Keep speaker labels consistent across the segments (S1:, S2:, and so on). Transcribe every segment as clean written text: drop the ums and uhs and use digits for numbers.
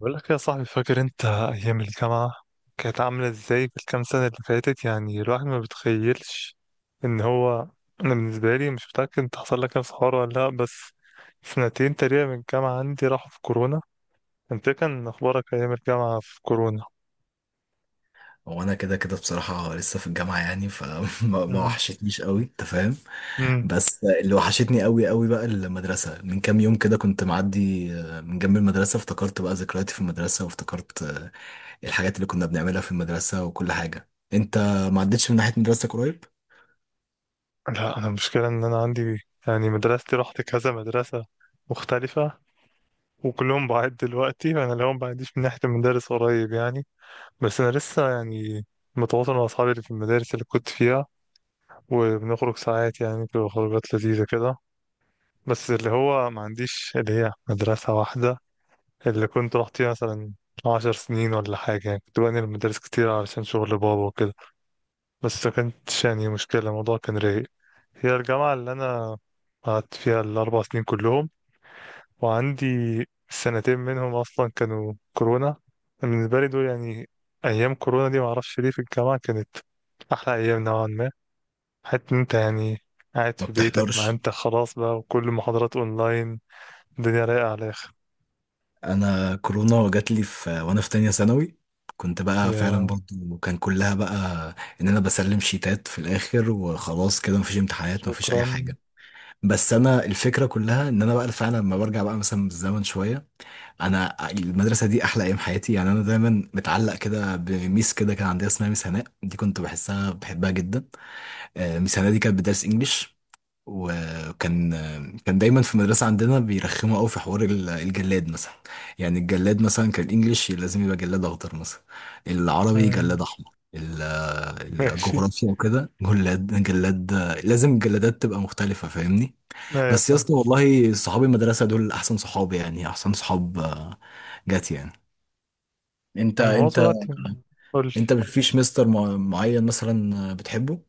S1: بقول لك يا صاحبي، فاكر انت ايام الجامعه كانت عامله ازاي في الكام سنه اللي فاتت؟ يعني الواحد ما بيتخيلش ان هو انا بالنسبه لي مش متاكد انت حصل لك نفس الحوار ولا لا، بس سنتين تقريبا من الجامعه عندي راحوا في كورونا. انت إيه كان اخبارك ايام الجامعه في كورونا؟
S2: هو انا كده كده بصراحه لسه في الجامعه، يعني فما ما
S1: امم.
S2: وحشتنيش قوي، انت فاهم.
S1: امم.
S2: بس اللي وحشتني قوي قوي بقى المدرسه. من كام يوم كده كنت معدي من جنب المدرسه، افتكرت بقى ذكرياتي في المدرسه، وافتكرت الحاجات اللي كنا بنعملها في المدرسه وكل حاجه. انت ما عدتش من ناحيه مدرستك قريب؟
S1: لا، انا المشكله ان انا عندي، يعني مدرستي رحت كذا مدرسه مختلفه، وكلهم بعيد دلوقتي، وانا لهم بعيدش من ناحيه المدارس قريب يعني. بس انا لسه يعني متواصل مع اصحابي اللي في المدارس اللي كنت فيها، وبنخرج ساعات يعني، بتبقى خروجات لذيذه كده. بس اللي هو ما عنديش اللي هي مدرسه واحده اللي كنت رحت فيها مثلا 10 سنين ولا حاجه، يعني كنت بنقل المدارس كتير علشان شغل بابا وكده. بس ما كانتش يعني مشكله، الموضوع كان رايق. هي الجامعه اللي انا قعدت فيها الاربع سنين كلهم، وعندي سنتين منهم أصلا كانوا كورونا. بالنسبة لي دول يعني، أيام كورونا دي معرفش ليه في الجامعة كانت أحلى أيام نوعا ما. حتى إن أنت يعني قاعد
S2: ما
S1: في بيتك، ما
S2: بتحضرش.
S1: أنت خلاص بقى وكل المحاضرات أونلاين، الدنيا رايقة على الآخر.
S2: انا كورونا جات لي في وانا في تانية ثانوي. كنت بقى فعلا
S1: يا.
S2: برضه كان كلها بقى ان انا بسلم شيتات في الاخر وخلاص كده، مفيش امتحانات، مفيش اي
S1: شكرا.
S2: حاجه. بس انا الفكره كلها ان انا بقى فعلا لما برجع بقى مثلا بالزمن شويه، انا المدرسه دي احلى ايام حياتي. يعني انا دايما متعلق كده بميس كده، كان عندها، اسمها ميس هناء، دي كنت بحسها بحبها جدا. ميس هناء دي كانت بتدرس انجليش. وكان آه، كان دايما في المدرسه عندنا بيرخموا قوي في حوار الجلاد مثلا. يعني الجلاد مثلا، كان الانجليش لازم يبقى جلاد اخضر مثلا. العربي
S1: مم.
S2: جلاد احمر.
S1: ماشي.
S2: الجغرافيا وكده جلاد لازم الجلادات تبقى مختلفه، فاهمني؟
S1: لا يا،
S2: بس يا
S1: فاهم.
S2: اسطى، والله صحاب المدرسة دول احسن صحاب، يعني احسن صحاب. جات يعني. انت
S1: الموضوع
S2: انت
S1: دلوقتي. قول.
S2: انت، مفيش مستر معين مثلا بتحبه؟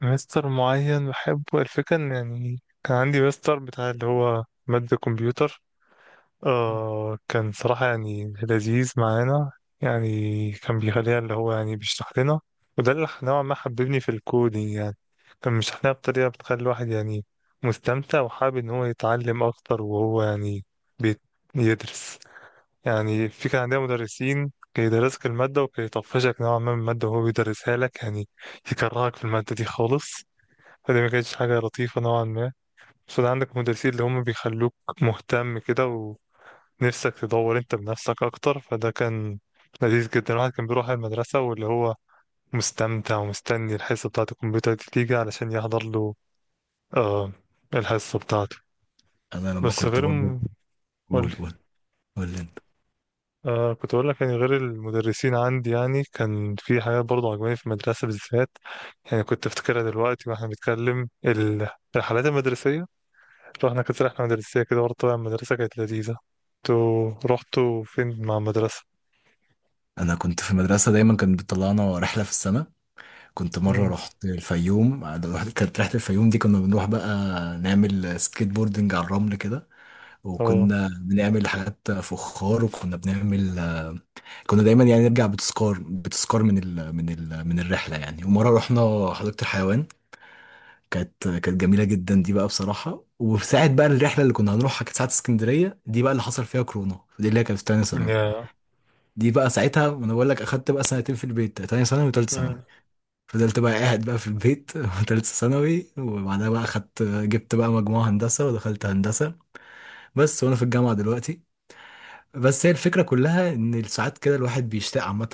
S1: مستر معين بحبه، الفكرة إن يعني كان عندي مستر بتاع اللي هو مادة كمبيوتر. آه، كان صراحة يعني لذيذ معانا. يعني كان بيخليها اللي هو يعني بيشرح لنا، وده اللي نوعا ما حببني في الكودينج يعني. كان بيشرح لنا بطريقة بتخلي الواحد يعني مستمتع، وحابب إن هو يتعلم أكتر وهو يعني بيت- بيدرس. يعني في كان عندنا مدرسين كان يدرسك المادة، وكان يطفشك نوعا ما من المادة وهو بيدرسها لك يعني، يكرهك في المادة دي خالص. فدي ما كانتش حاجة لطيفة نوعا ما. بس عندك مدرسين اللي هم بيخلوك مهتم كده، نفسك تدور انت بنفسك اكتر. فده كان لذيذ جدا، الواحد كان بيروح المدرسة واللي هو مستمتع، ومستني الحصة بتاعة الكمبيوتر دي تيجي علشان يحضر له آه الحصة بتاعته.
S2: انا لما
S1: بس
S2: كنت
S1: غير
S2: برضه،
S1: م... قولي.
S2: قول قول. قول لي انت.
S1: آه، كنت أقول لك يعني غير المدرسين عندي، يعني كان في حاجات برضه عجباني في المدرسة بالذات. يعني كنت أفتكرها دلوقتي وإحنا بنتكلم، الرحلات المدرسية. رحنا كانت رحلة مدرسية كده برضه، طبعا المدرسة كانت لذيذة. انتوا رحتوا فين مع المدرسة؟
S2: انا كنت في المدرسه، دايما كانت بتطلعنا رحله في السنه. كنت مره
S1: مم.
S2: رحت الفيوم، كانت رحله الفيوم دي كنا بنروح بقى نعمل سكيت بوردنج على الرمل كده.
S1: اه.
S2: وكنا بنعمل حاجات فخار، وكنا بنعمل... كنا دايما يعني نرجع بتذكار من الرحله يعني. ومره رحنا حديقه الحيوان، كانت جميله جدا دي بقى بصراحه. وساعه بقى الرحله اللي كنا هنروحها كانت ساعه اسكندريه، دي بقى اللي حصل فيها كورونا، دي اللي هي كانت في تانية ثانوي. دي بقى ساعتها، انا بقول لك، اخدت بقى سنتين في البيت، تانية ثانوي وتالتة ثانوي.
S1: مم.
S2: فضلت بقى قاعد بقى في البيت تالتة ثانوي. وبعدها بقى جبت بقى مجموعة هندسة ودخلت هندسة. بس وانا في الجامعة دلوقتي. بس هي الفكرة كلها إن ساعات كده الواحد بيشتاق عامة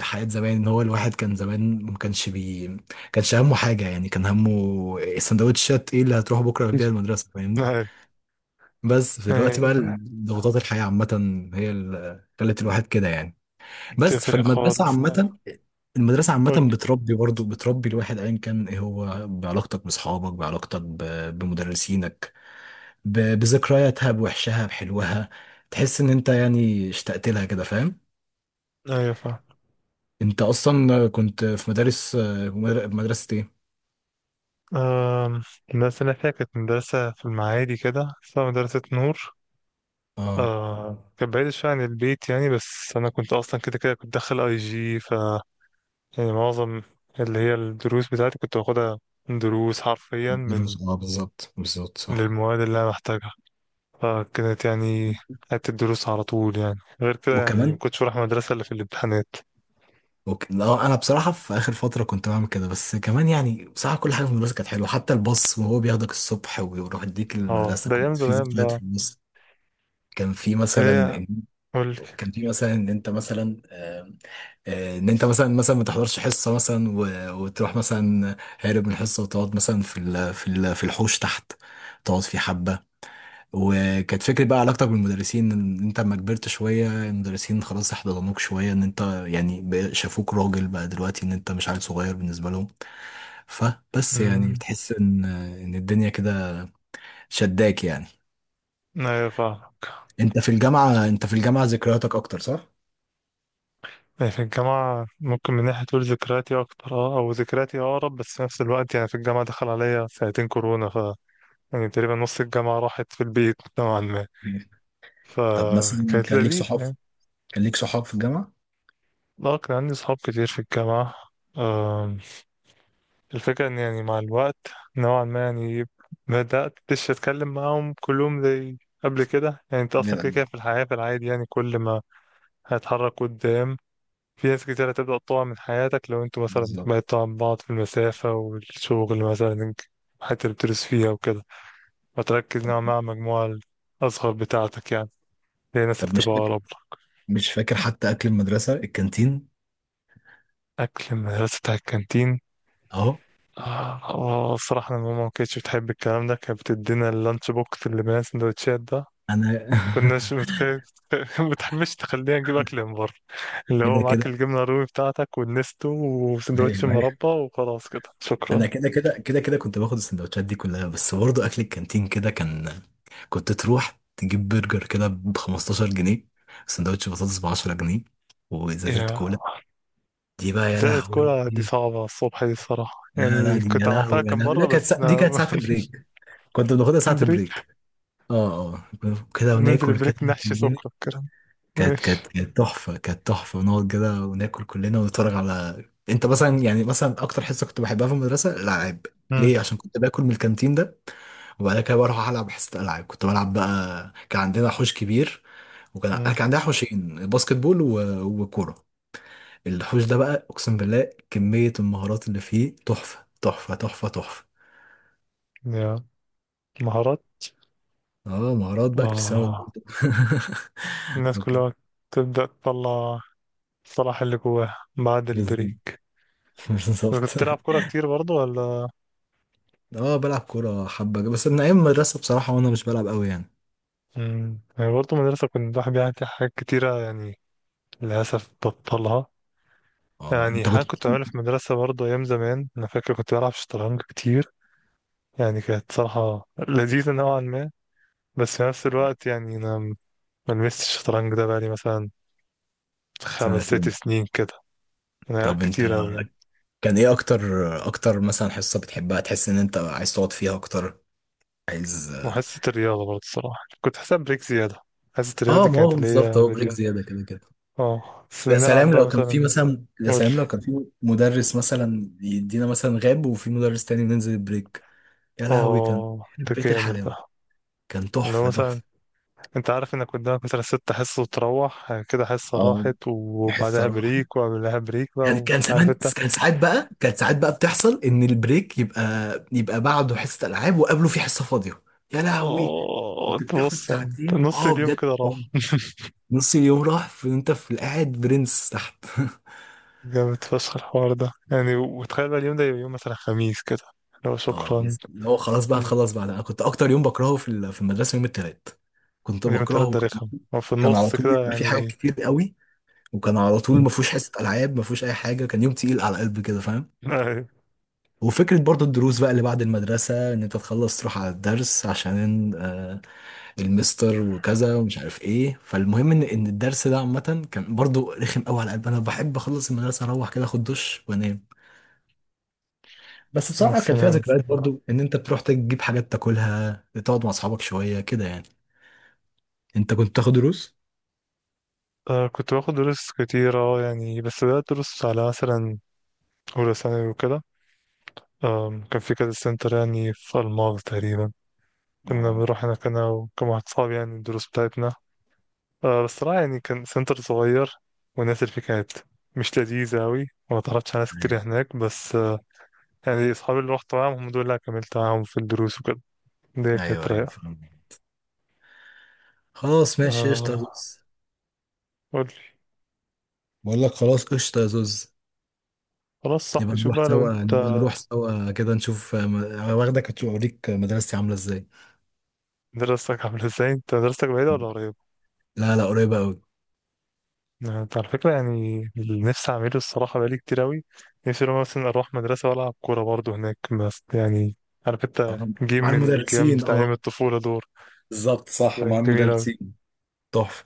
S2: لحياة زمان، إن هو الواحد كان زمان ما كانش كانش همه حاجة، يعني كان همه السندوتشات إيه اللي هتروح بكرة بيها المدرسة، فاهمني.
S1: أيوة.
S2: بس في الوقت بقى،
S1: أيوة،
S2: ضغوطات الحياة عامة، هي اللي خلت الواحد كده يعني. بس
S1: بتفرق
S2: فالمدرسة
S1: خالص.
S2: عامة،
S1: أيوة.
S2: المدرسة عامة
S1: قول
S2: بتربي برضه الواحد أيا كان إيه هو، بعلاقتك بأصحابك، بعلاقتك بمدرسينك، بذكرياتها، بوحشها، بحلوها. تحس إن أنت يعني اشتقت لها كده، فاهم.
S1: لي. أيوة، فاهم.
S2: انت اصلا كنت في مدارس، مدرسة ايه؟
S1: أم، المدرسة اللي أنا فيها كانت مدرسة في المعادي كده اسمها مدرسة نور.
S2: اه،
S1: أه، كانت بعيدة شوية عن البيت يعني، بس أنا كنت أصلا كده كده كنت داخل أي جي ف. يعني معظم اللي هي الدروس بتاعتي كنت باخدها دروس حرفيا
S2: دروس، اه بالظبط بالظبط صح.
S1: للمواد اللي أنا محتاجها. فكانت يعني قعدت الدروس على طول يعني، غير كده يعني
S2: وكمان،
S1: مكنتش بروح المدرسة إلا في الامتحانات.
S2: لا، انا بصراحة في اخر فترة كنت بعمل كده. بس كمان يعني بصراحة، كل حاجة في المدرسة كانت حلوة، حتى الباص وهو بياخدك الصبح ويروح يديك
S1: اه
S2: المدرسة،
S1: ده أيام
S2: كنت في
S1: زمان
S2: ذكريات
S1: بقى.
S2: في الباص. كان في مثلا
S1: هي. قولك.
S2: كان في مثلا ان انت مثلا، آم، ان انت مثلا ما تحضرش حصه مثلا، وتروح مثلا هارب من الحصه، وتقعد مثلا في الحوش تحت، تقعد في حبه. وكانت فكرة بقى علاقتك بالمدرسين، ان انت لما كبرت شوية، المدرسين خلاص احتضنوك شوية، ان انت يعني شافوك راجل بقى دلوقتي، ان انت مش عيل صغير بالنسبة لهم. فبس يعني
S1: امم.
S2: بتحس ان الدنيا كده شداك يعني.
S1: ايوه، فاهمك.
S2: انت في الجامعة ذكرياتك اكتر صح؟
S1: يعني في الجامعة ممكن من ناحية تقول ذكرياتي أكتر، اه، أو ذكرياتي أقرب، بس في نفس الوقت يعني في الجامعة دخل عليا سنتين كورونا، ف يعني تقريبا نص الجامعة راحت في البيت نوعا ما.
S2: أيوة. طب مثلا،
S1: فكانت
S2: كان ليك
S1: لذيذة
S2: صحاب؟
S1: يعني.
S2: كان ليك صحاب في الجامعة؟
S1: اه، كان عندي صحاب كتير في الجامعة. آم، الفكرة إن يعني مع الوقت نوعا ما يعني بدأت مش أتكلم معاهم كلهم زي قبل كده. يعني أنت
S2: زي
S1: أصلا كده كده
S2: الأول.
S1: في الحياة في العادي يعني كل ما هتحرك قدام، في ناس كتير هتبدأ تقع من حياتك لو انتوا مثلا
S2: بالظبط.
S1: بعدتوا عن بعض في المسافة، والشغل مثلا، الحتة اللي بتدرس فيها وكده. فتركز نوعا ما على المجموعة الأصغر بتاعتك يعني، هي الناس اللي
S2: طب مش
S1: بتبقى
S2: فاكر
S1: أقرب لك.
S2: مش فاكر حتى اكل المدرسة، الكانتين؟
S1: أكل المدرسة بتاع الكانتين.
S2: اهو.
S1: آه آه، الصراحة أنا ماما ما كانتش بتحب الكلام ده، كانت بتدينا اللانش بوكس اللي بين السندوتشات ده.
S2: انا
S1: ما كناش متخيل ما بتحبش تخلينا نجيب أكل من بره، اللي هو
S2: كده
S1: معاك
S2: كده.
S1: الجبنة الرومي بتاعتك والنستو وسندوتش
S2: ايوه، أيوه.
S1: مربى وخلاص كده شكرا.
S2: انا كده كده كده كده كنت باخد السندوتشات دي كلها. بس برضه اكل الكانتين كده كان، كنت تروح تجيب برجر كده ب 15 جنيه، سندوتش بطاطس ب 10 جنيه، وازازه كولا. دي بقى يا
S1: إزالة
S2: لهوي.
S1: كرة دي صعبة الصبح دي الصراحة،
S2: لا لا،
S1: يعني
S2: دي يا
S1: كنت عملتها
S2: لهوي يا
S1: كم
S2: لهوي،
S1: مرة
S2: لا كانت
S1: بس
S2: دي كانت
S1: أنا
S2: ساعه بريك. كنت بناخدها ساعه
S1: بريك.
S2: بريك. اه اه، كده
S1: ننزل
S2: وناكل كده.
S1: بريك نحشي سكر الكلام.
S2: كانت
S1: ماشي.
S2: كانت كانت تحفة كانت تحفة نقعد كده وناكل كلنا ونتفرج. على انت مثلا، يعني مثلا اكتر حصة كنت بحبها في المدرسة، الالعاب.
S1: مم.
S2: ليه؟ عشان كنت باكل من الكانتين ده، وبعد كده بروح العب حصة العاب. كنت بلعب بقى، كان عندنا حوش كبير. وكان
S1: مم.
S2: كان عندنا حوشين باسكت بول و... وكورة. الحوش ده بقى، اقسم بالله كمية المهارات اللي فيه تحفة تحفة تحفة تحفة.
S1: يا. مهارات.
S2: اه، مهارات بقى كريستيانو
S1: آه،
S2: رونالدو.
S1: الناس
S2: اوكي.
S1: كلها تبدأ تطلع الصلاح اللي جواها بعد
S2: بالظبط.
S1: البريك. بس كنت
S2: بالظبط.
S1: تلعب كورة كتير برضو ولا؟
S2: اه، بلعب كورة حبة بس من أيام المدرسة، بصراحة وأنا مش بلعب قوي يعني.
S1: مم. يعني برضو مدرسة، كنت الواحد بيعمل فيها حاجات كتيرة يعني، للأسف بطلها.
S2: اه،
S1: يعني
S2: أنت
S1: حاجة
S2: كنت...
S1: كنت بعملها في المدرسة برضو أيام زمان، أنا فاكر كنت بلعب شطرنج كتير، يعني كانت صراحة لذيذة نوعا ما. بس في نفس الوقت يعني أنا ما لمستش الشطرنج ده بقالي مثلا خمس ست
S2: سنتين.
S1: سنين كده. أنا،
S2: طب أنت،
S1: كتير أوي يعني.
S2: كان إيه أكتر، أكتر مثلا حصة بتحبها، تحس إن أنت عايز تقعد فيها أكتر؟ عايز...
S1: وحصة الرياضة برضه الصراحة كنت حاسب بريك زيادة. حصة الرياضة
S2: اه،
S1: دي
S2: ما
S1: كانت
S2: هو
S1: اللي
S2: بالظبط،
S1: هي
S2: هو بريك
S1: لذيذة.
S2: زيادة كده كده.
S1: اه بس نلعب بقى مثلا.
S2: يا
S1: قول.
S2: سلام لو كان في مدرس مثلا، يدينا مثلا غاب، وفي مدرس تاني ننزل البريك. يا لهوي، كان
S1: اه، ده
S2: بيت
S1: جامد ده.
S2: الحلاوة. كان
S1: اللي هو
S2: تحفة
S1: مثلا،
S2: تحفة.
S1: انت عارف انك قدامك مثلا 6 حصص، وتروح كده حصة
S2: اه
S1: راحت
S2: حصة
S1: وبعدها
S2: راحت.
S1: بريك وقبلها بريك
S2: كان
S1: بقى،
S2: كان
S1: وعارف
S2: زمان،
S1: انت.
S2: كان ساعات بقى بتحصل ان البريك يبقى بعده حصه العاب وقبله في حصه فاضيه. يا لهوي.
S1: اه
S2: انت
S1: انت
S2: بتاخد
S1: بص، يعني
S2: ساعتين،
S1: نص
S2: اه
S1: اليوم
S2: بجد
S1: كده
S2: آه.
S1: راح
S2: نص اليوم راح، في انت في قاعد برنس تحت.
S1: جامد فشخ الحوار ده يعني، وتخيل بقى اليوم ده يبقى يوم مثلا خميس كده. لو.
S2: اه
S1: شكرا.
S2: يس، اللي هو خلاص بقى
S1: مم.
S2: هتخلص بعد. انا كنت اكتر يوم بكرهه في المدرسه يوم التلات. كنت
S1: اليوم التلات
S2: بكرهه.
S1: ده رخم، هو في
S2: كان على
S1: النص
S2: طول
S1: كده
S2: يبقى في حاجات
S1: يعني.
S2: كتير قوي. وكان على طول ما فيهوش حصه العاب، ما فيهوش اي حاجه. كان يوم تقيل على قلبي كده، فاهم.
S1: أيوة.
S2: وفكرة برضو الدروس بقى اللي بعد المدرسة، إن أنت تخلص تروح على الدرس عشان المستر وكذا ومش عارف إيه. فالمهم إن الدرس ده عامة كان برضو رخم أوي على قلبي. أنا بحب أخلص المدرسة، أروح كده أخد دش وأنام. بس
S1: مش
S2: بصراحة كان فيها
S1: سلام
S2: ذكريات
S1: الصراحة.
S2: برضو، إن أنت بتروح تجيب حاجات تاكلها، تقعد مع أصحابك شوية كده يعني. أنت كنت تاخد دروس؟
S1: آه، كنت باخد دروس كتيرة يعني، بس بدأت دروس على مثلا أولى ثانوي وكده. كان في كذا سنتر يعني في ألماظ تقريبا، كنا
S2: اه،
S1: بنروح هناك أنا وكم واحد صاحبي يعني الدروس بتاعتنا. آه بس صراحة يعني كان سنتر صغير، والناس اللي فيه كانت مش لذيذة أوي، وما تعرفتش على ناس
S2: ايوه
S1: كتير هناك. بس يعني أصحابي اللي رحت معاهم هم دول اللي كملت معاهم في الدروس وكده. دي كانت
S2: ايوه أيوة،
S1: رايقة.
S2: فاهم. خلاص ماشي، قشطة يا
S1: آه.
S2: زوز.
S1: قولي.
S2: بقول لك خلاص، قشطة يا زوز.
S1: خلاص
S2: نبقى
S1: صاحبي، شوف
S2: نروح
S1: بقى لو
S2: سوا
S1: أنت.
S2: نبقى نروح سوا كده نشوف، واخدك هتشوف، اوريك مدرستي عامله ازاي.
S1: دراستك عاملة ازاي؟ أنت دراستك بعيدة ولا قريبة؟
S2: لا لا، قريبه قوي.
S1: آه، أنت على فكرة يعني اللي نفسي أعمله الصراحة بقالي كتير أوي. نفسي لو مثلا أروح مدرسة وألعب كورة برضه هناك، بس يعني عارف أنت جيم
S2: مع
S1: من الجيم
S2: المدرسين،
S1: بتاع أيام
S2: اه.
S1: الطفولة دول،
S2: بالظبط صح،
S1: تبقى
S2: مع
S1: جميلة أوي.
S2: المدرسين. تحفه.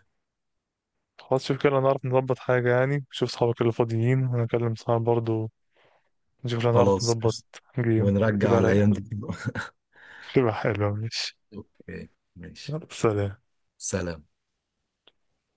S1: خلاص، شوف كده نعرف نظبط حاجة يعني، شوف صحابك اللي فاضيين وأنا أكلم صحابي برضه، نشوف لو نعرف
S2: خلاص.
S1: نظبط جيم
S2: ونرجع
S1: تبقى
S2: الايام
S1: رايقة،
S2: دي.
S1: تبقى حلوة. ماشي.
S2: اوكي. ماشي.
S1: يلا سلام.
S2: سلام.